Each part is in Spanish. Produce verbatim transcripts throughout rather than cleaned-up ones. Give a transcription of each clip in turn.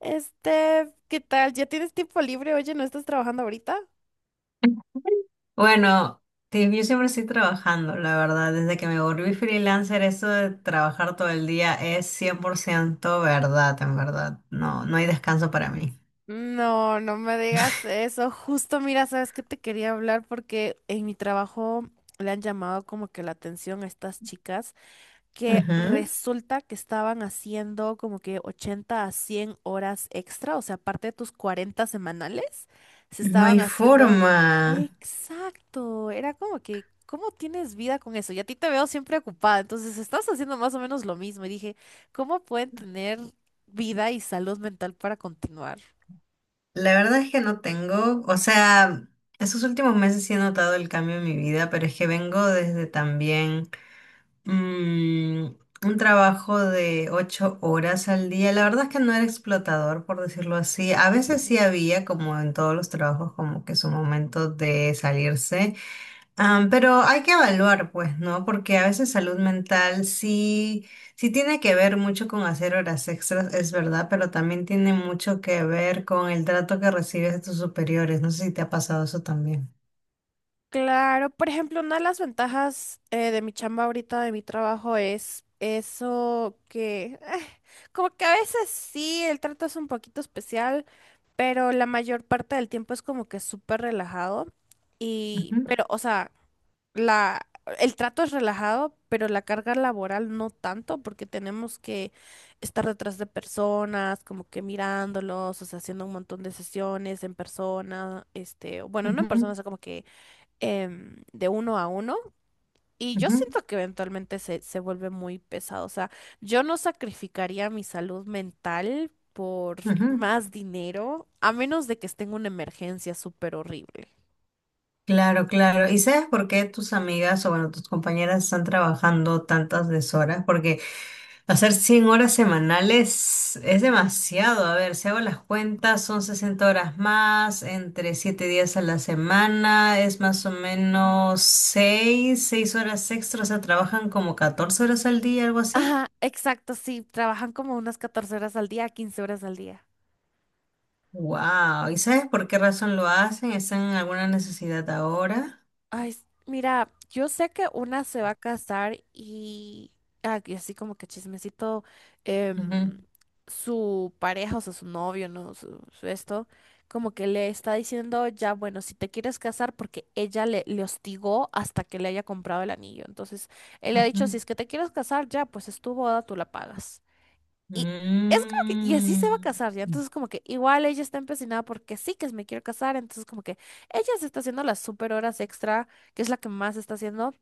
Este, ¿qué tal? ¿Ya tienes tiempo libre? Oye, ¿no estás trabajando ahorita? Bueno, te- yo siempre estoy trabajando, la verdad. Desde que me volví freelancer, eso de trabajar todo el día es cien por ciento verdad, en verdad. No, no hay descanso para mí. No, no me digas eso. Justo, mira, sabes que te quería hablar porque en mi trabajo le han llamado como que la atención a estas chicas. Que Ujú. resulta que estaban haciendo como que ochenta a cien horas extra, o sea, aparte de tus cuarenta semanales, se No estaban hay haciendo... forma. Exacto, era como que, ¿cómo tienes vida con eso? Y a ti te veo siempre ocupada, entonces estás haciendo más o menos lo mismo. Y dije, ¿cómo pueden tener vida y salud mental para continuar? La verdad es que no tengo, o sea, estos últimos meses sí he notado el cambio en mi vida, pero es que vengo desde también Mm, un trabajo de ocho horas al día. La verdad es que no era explotador, por decirlo así. A veces sí Ujú. había, como en todos los trabajos, como que su momento de salirse. Am, pero hay que evaluar, pues, ¿no? Porque a veces salud mental sí, sí tiene que ver mucho con hacer horas extras, es verdad, pero también tiene mucho que ver con el trato que recibes de tus superiores. No sé si te ha pasado eso también. Claro, por ejemplo, una de las ventajas eh, de mi chamba ahorita, de mi trabajo, es eso que, eh, como que a veces sí, el trato es un poquito especial, pero la mayor parte del tiempo es como que súper relajado. Y, Ujú, pero, o sea, la, el trato es relajado, pero la carga laboral no tanto, porque tenemos que estar detrás de personas, como que mirándolos, o sea, haciendo un montón de sesiones en persona, este, bueno, no en persona, o ujú, sea, como que em, de uno a uno. Y yo ujú, siento que eventualmente se, se vuelve muy pesado. O sea, yo no sacrificaría mi salud mental por ujú. más dinero, a menos de que esté en una emergencia súper horrible. Claro, claro. ¿Y sabes por qué tus amigas o, bueno, tus compañeras están trabajando tantas deshoras? Porque hacer cien horas semanales es demasiado. A ver, si hago las cuentas, son sesenta horas más, entre siete días a la semana, es más o menos seis seis horas extras, o sea, trabajan como catorce horas al día, algo así. Ajá, exacto, sí, trabajan como unas catorce horas al día, quince horas al día. Wow. ¿Y sabes por qué razón lo hacen? ¿Están en alguna necesidad ahora? Ay, s- mira, yo sé que una se va a casar y, ah, y así como que chismecito, em, Ujú, su pareja, o sea, su novio, ¿no? Su, su esto, como que le está diciendo, ya, bueno, si te quieres casar, porque ella le, le hostigó hasta que le haya comprado el anillo. Entonces, él le ha dicho, si ujú. es que te quieres casar, ya, pues es tu boda, tú la pagas. Y es como que, y así se va a Mm. casar ya. Entonces, como que igual ella está empecinada porque sí que me quiero casar. Entonces, como que ella se está haciendo las super horas extra, que es la que más está haciendo,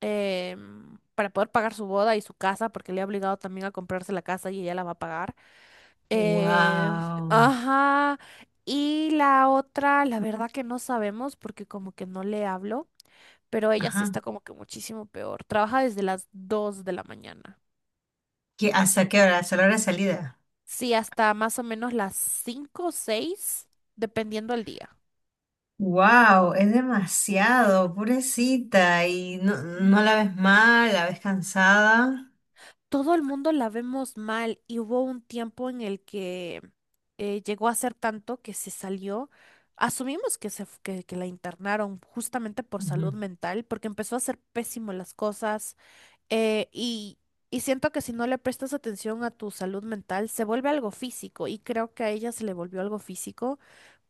em, para poder pagar su boda y su casa, porque le ha obligado también a comprarse la casa y ella la va a pagar. Eh, Wow. ajá. Y la otra, la verdad que no sabemos porque como que no le hablo, pero ella sí Ajá. está como que muchísimo peor. Trabaja desde las dos de la mañana. ¿Qué, hasta qué hora? ¿Hasta la hora de salida? Sí, hasta más o menos las cinco o seis, dependiendo del día. Wow, es demasiado, pobrecita. Y no, no la ves mal, la ves cansada. Todo el mundo la vemos mal y hubo un tiempo en el que eh, llegó a ser tanto que se salió. Asumimos que, se, f- que, que la internaron justamente por salud Ujú. mental, porque empezó a hacer pésimo las cosas eh, y, y siento que si no le prestas atención a tu salud mental, se vuelve algo físico y creo que a ella se le volvió algo físico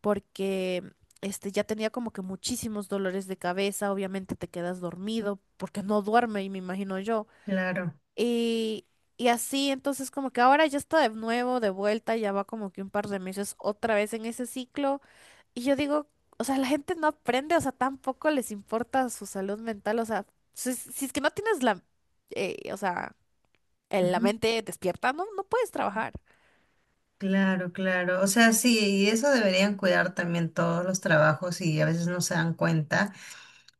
porque este ya tenía como que muchísimos dolores de cabeza, obviamente te quedas dormido porque no duerme y me imagino yo. Claro, Y, y así, entonces como que ahora ya está de nuevo, de vuelta, ya va como que un par de meses otra vez en ese ciclo y yo digo, o sea, la gente no aprende, o sea, tampoco les importa su salud mental, o sea, si, si es que no tienes la, eh, o sea, en la ujú. mente despierta, no, no puedes trabajar. Claro, claro. O sea, sí, y eso deberían cuidar también todos los trabajos y a veces no se dan cuenta.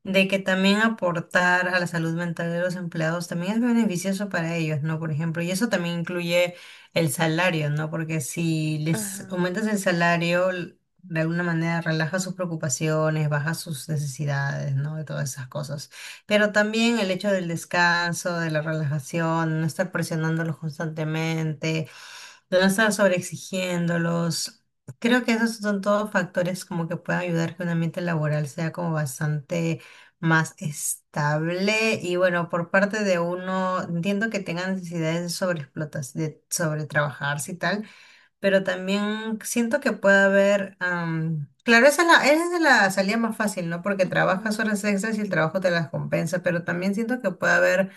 de que también aportar a la salud mental de los empleados también es beneficioso para ellos, ¿no? Por ejemplo, y eso también incluye el salario, ¿no? Porque si les Ajá. aumentas el salario, l- de alguna manera relaja sus preocupaciones, baja sus necesidades, ¿no? De todas esas cosas. Pero también el hecho del descanso, de la relajación, no estar presionándolos constantemente, de no estar sobreexigiéndolos. Creo que esos son todos factores como que pueden ayudar que un ambiente laboral sea como bastante más estable y, bueno, por parte de uno, entiendo que tenga necesidades de sobreexplotación, de sobretrabajarse y tal, pero también siento que puede haber, am, claro, esa es la, esa es la salida más fácil, ¿no? Porque trabajas Mm, horas extras y el trabajo te las compensa, pero también siento que puede haber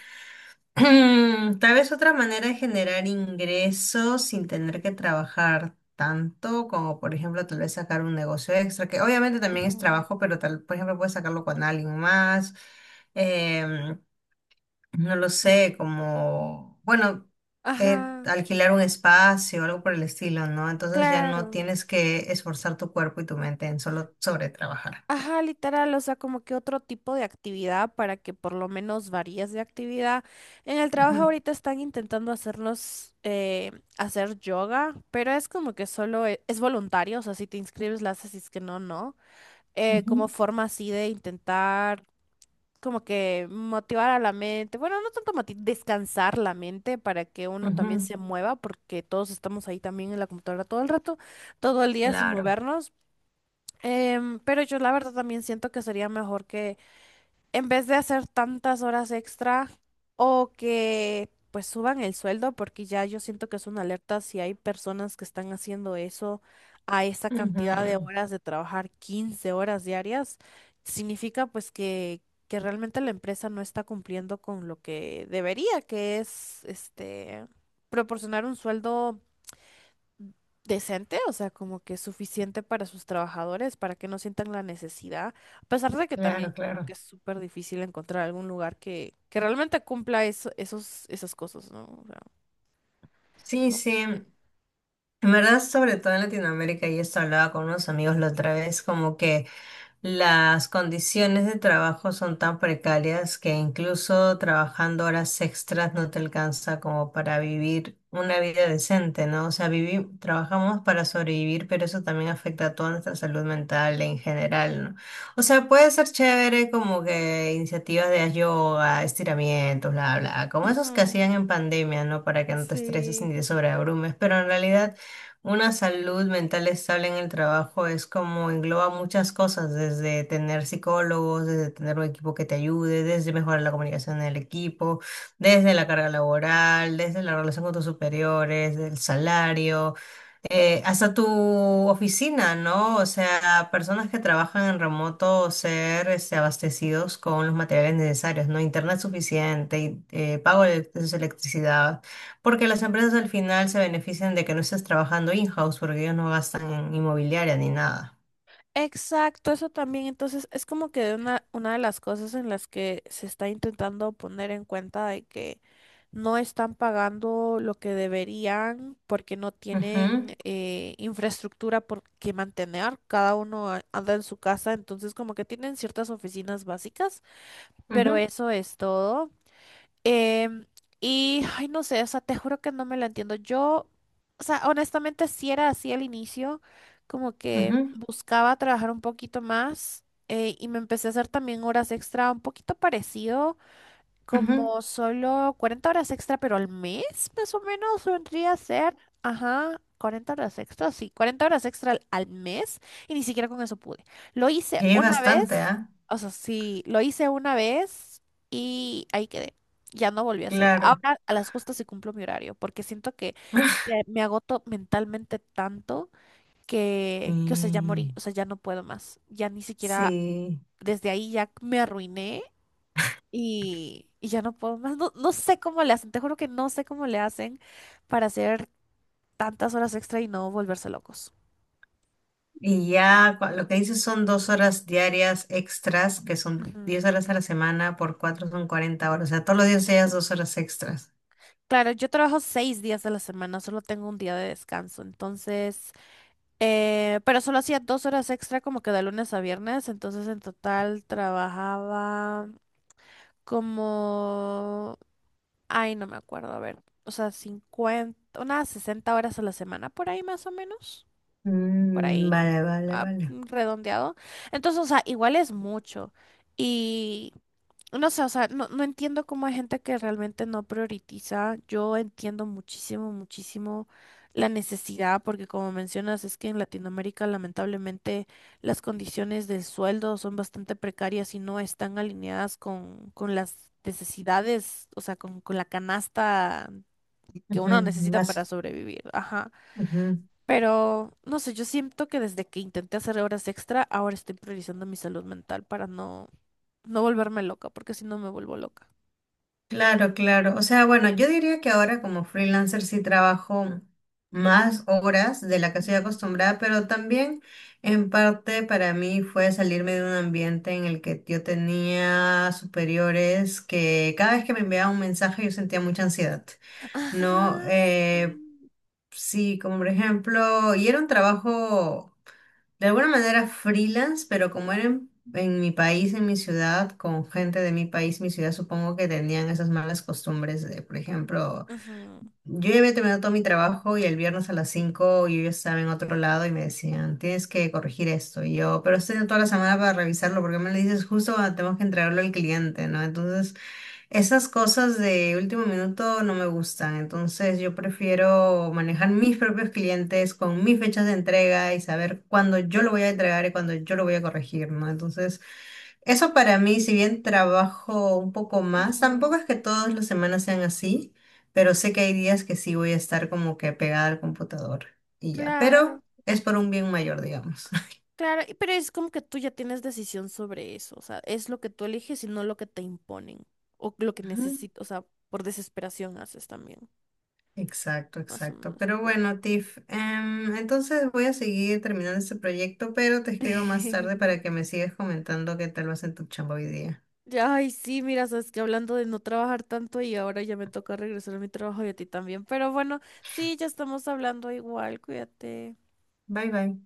tal vez otra manera de generar ingresos sin tener que trabajar tanto, como por ejemplo tal vez sacar un negocio extra, que obviamente también es ujú. trabajo, pero tal, por ejemplo puedes sacarlo con alguien más, em, no lo sé, como, bueno, eh, Ajá, alquilar un espacio, algo por el estilo, ¿no? Entonces ya no claro. tienes que esforzar tu cuerpo y tu mente en solo sobre trabajar. Ajá, literal, o sea, como que otro tipo de actividad para que por lo menos varíes de actividad. En el Ujú. trabajo ahorita están intentando hacernos eh, hacer yoga, pero es como que solo e- es, voluntario, o sea, si te inscribes la haces, si es que no, no. Eh, como Ujú. forma así de intentar como que motivar a la mente, bueno, no tanto moti- descansar la mente para que uno también Ujú, se mueva, porque todos estamos ahí también en la computadora todo el rato, todo el día sin claro, movernos. Em, pero yo la verdad también siento que sería mejor que en vez de hacer tantas horas extra o que pues suban el sueldo, porque ya yo siento que es una alerta si hay personas que están haciendo eso a esa cantidad de ujú, horas de trabajar quince horas diarias, significa pues que, que realmente la empresa no está cumpliendo con lo que debería, que es este proporcionar un sueldo decente, o sea, como que suficiente para sus trabajadores, para que no sientan la necesidad, a pesar de que también claro, creo que claro. es súper difícil encontrar algún lugar que, que realmente cumpla eso, esos, esas cosas, ¿no? O sea, Sí, no sí. sé. En verdad, sobre todo en Latinoamérica, y esto hablaba con unos amigos la otra vez, como que las condiciones de trabajo son tan precarias que incluso trabajando horas extras no te alcanza como para vivir una vida decente, ¿no? O sea, vivi- trabajamos para sobrevivir, pero eso también afecta a toda nuestra salud mental en general, ¿no? O sea, puede ser chévere como que iniciativas de yoga, estiramientos, bla, bla, como esos que Ujú. hacían en pandemia, ¿no? Para que no te estreses Sí. ni te sobreabrumes, pero en realidad… Una salud mental estable en el trabajo es como engloba muchas cosas, desde tener psicólogos, desde tener un equipo que te ayude, desde mejorar la comunicación en el equipo, desde la carga laboral, desde la relación con tus superiores, el salario, eh, hasta tu oficina, ¿no? O sea, personas que trabajan en remoto ser este, abastecidos con los materiales necesarios, ¿no? Internet suficiente, eh, pago de de su electricidad. Porque las empresas al final se benefician de que no estés trabajando in-house porque ellos no gastan en inmobiliaria ni nada. Exacto, eso también. Entonces, es como que una, una de las cosas en las que se está intentando poner en cuenta de que no están pagando lo que deberían porque no Ujú, tienen eh, infraestructura por que mantener. Cada uno a- anda en su casa, entonces como que tienen ciertas oficinas básicas, pero ujú, eso es todo. Em, y, ay, no sé, o sea, te juro que no me la entiendo. Yo, o sea, honestamente sí era así al inicio, como que ujú, buscaba trabajar un poquito más eh, y me empecé a hacer también horas extra, un poquito parecido ujú. como solo cuarenta horas extra, pero al mes, más o menos, vendría a ser. Ajá, cuarenta horas extra, sí, cuarenta horas extra al, al mes. Y ni siquiera con eso pude. Lo hice Y es una bastante, vez, ¿ah? o sea, sí, lo hice una vez y ahí quedé. Ya no volví a hacer. Claro. Ahora a las justas sí cumplo mi horario, porque siento que te- me agoto mentalmente tanto Sí, que, que, o sea, ya morí, o sea, ya no puedo más. Ya ni siquiera sí. desde ahí ya me arruiné y, y ya no puedo más. No, no sé cómo le hacen, te juro que no sé cómo le hacen para hacer tantas horas extra y no volverse locos. Y ya cua- lo que dices son dos horas diarias extras, que son Ujú. diez horas a la semana, por cuatro son cuarenta horas. O sea, todos los días ellas dos horas extras. Claro, yo trabajo seis días de la semana, solo tengo un día de descanso, entonces, eh, pero solo hacía dos horas extra como que de lunes a viernes, entonces en total trabajaba como, ay, no me acuerdo, a ver, o sea, cincuenta unas sesenta horas a la semana por ahí más o menos. Por Mm, ahí, vale, vale, ah, vale. mm, redondeado. Entonces, o sea, igual es mucho. Y no sé, o sea, no, no entiendo cómo hay gente que realmente no prioritiza. Yo entiendo muchísimo, muchísimo la necesidad, porque como mencionas, es que en Latinoamérica lamentablemente las condiciones del sueldo son bastante precarias y no están alineadas con, con las necesidades, o sea, con, con la canasta que uno Ujú, necesita para más, sobrevivir. Ajá. ujú. Pero, no sé, yo siento que desde que intenté hacer horas extra, ahora estoy priorizando mi salud mental para no, no volverme loca, porque si no me vuelvo loca. Claro, claro. O sea, bueno, yo diría que ahora como freelancer sí trabajo más horas de la que soy Ujú. acostumbrada, pero también en parte para mí fue salirme de un ambiente en el que yo tenía superiores que cada vez que me enviaban un mensaje yo sentía mucha ansiedad, ¿no? Ajá, Eh, sí. sí, como por ejemplo, y era un trabajo… De alguna manera freelance, pero como era en, en, mi país, en mi ciudad, con gente de mi país, mi ciudad, supongo que tenían esas malas costumbres de, por ejemplo, Ujú, yo ya había terminado todo mi trabajo y el viernes a las cinco yo ya estaba en otro lado y me decían, tienes que corregir esto. Y yo, pero estoy toda la semana para revisarlo, porque me lo dices justo cuando tenemos que entregarlo al cliente, ¿no? Entonces, esas cosas de último minuto no me gustan, entonces yo prefiero manejar mis propios clientes con mis fechas de entrega y saber cuándo yo lo voy a entregar y cuándo yo lo voy a corregir, ¿no? Entonces, eso para mí, si bien trabajo un poco más, ujú, tampoco es que todas las semanas sean así, pero sé que hay días que sí voy a estar como que pegada al computador y ya, pero claro, es por un bien mayor, digamos. claro, y- pero es como que tú ya tienes decisión sobre eso, o sea, es lo que tú eliges y no lo que te imponen, o lo que necesitas, o sea, por desesperación haces también, Exacto, más o exacto. menos, Pero pero... bueno, Tiff, em, entonces voy a seguir terminando este proyecto, pero te escribo más tarde para que me sigas comentando qué tal vas en tu chamba hoy día. Ay, sí, mira, sabes que hablando de no trabajar tanto y ahora ya me toca regresar a mi trabajo y a ti también. Pero bueno, sí, ya estamos hablando igual, cuídate. Bye bye.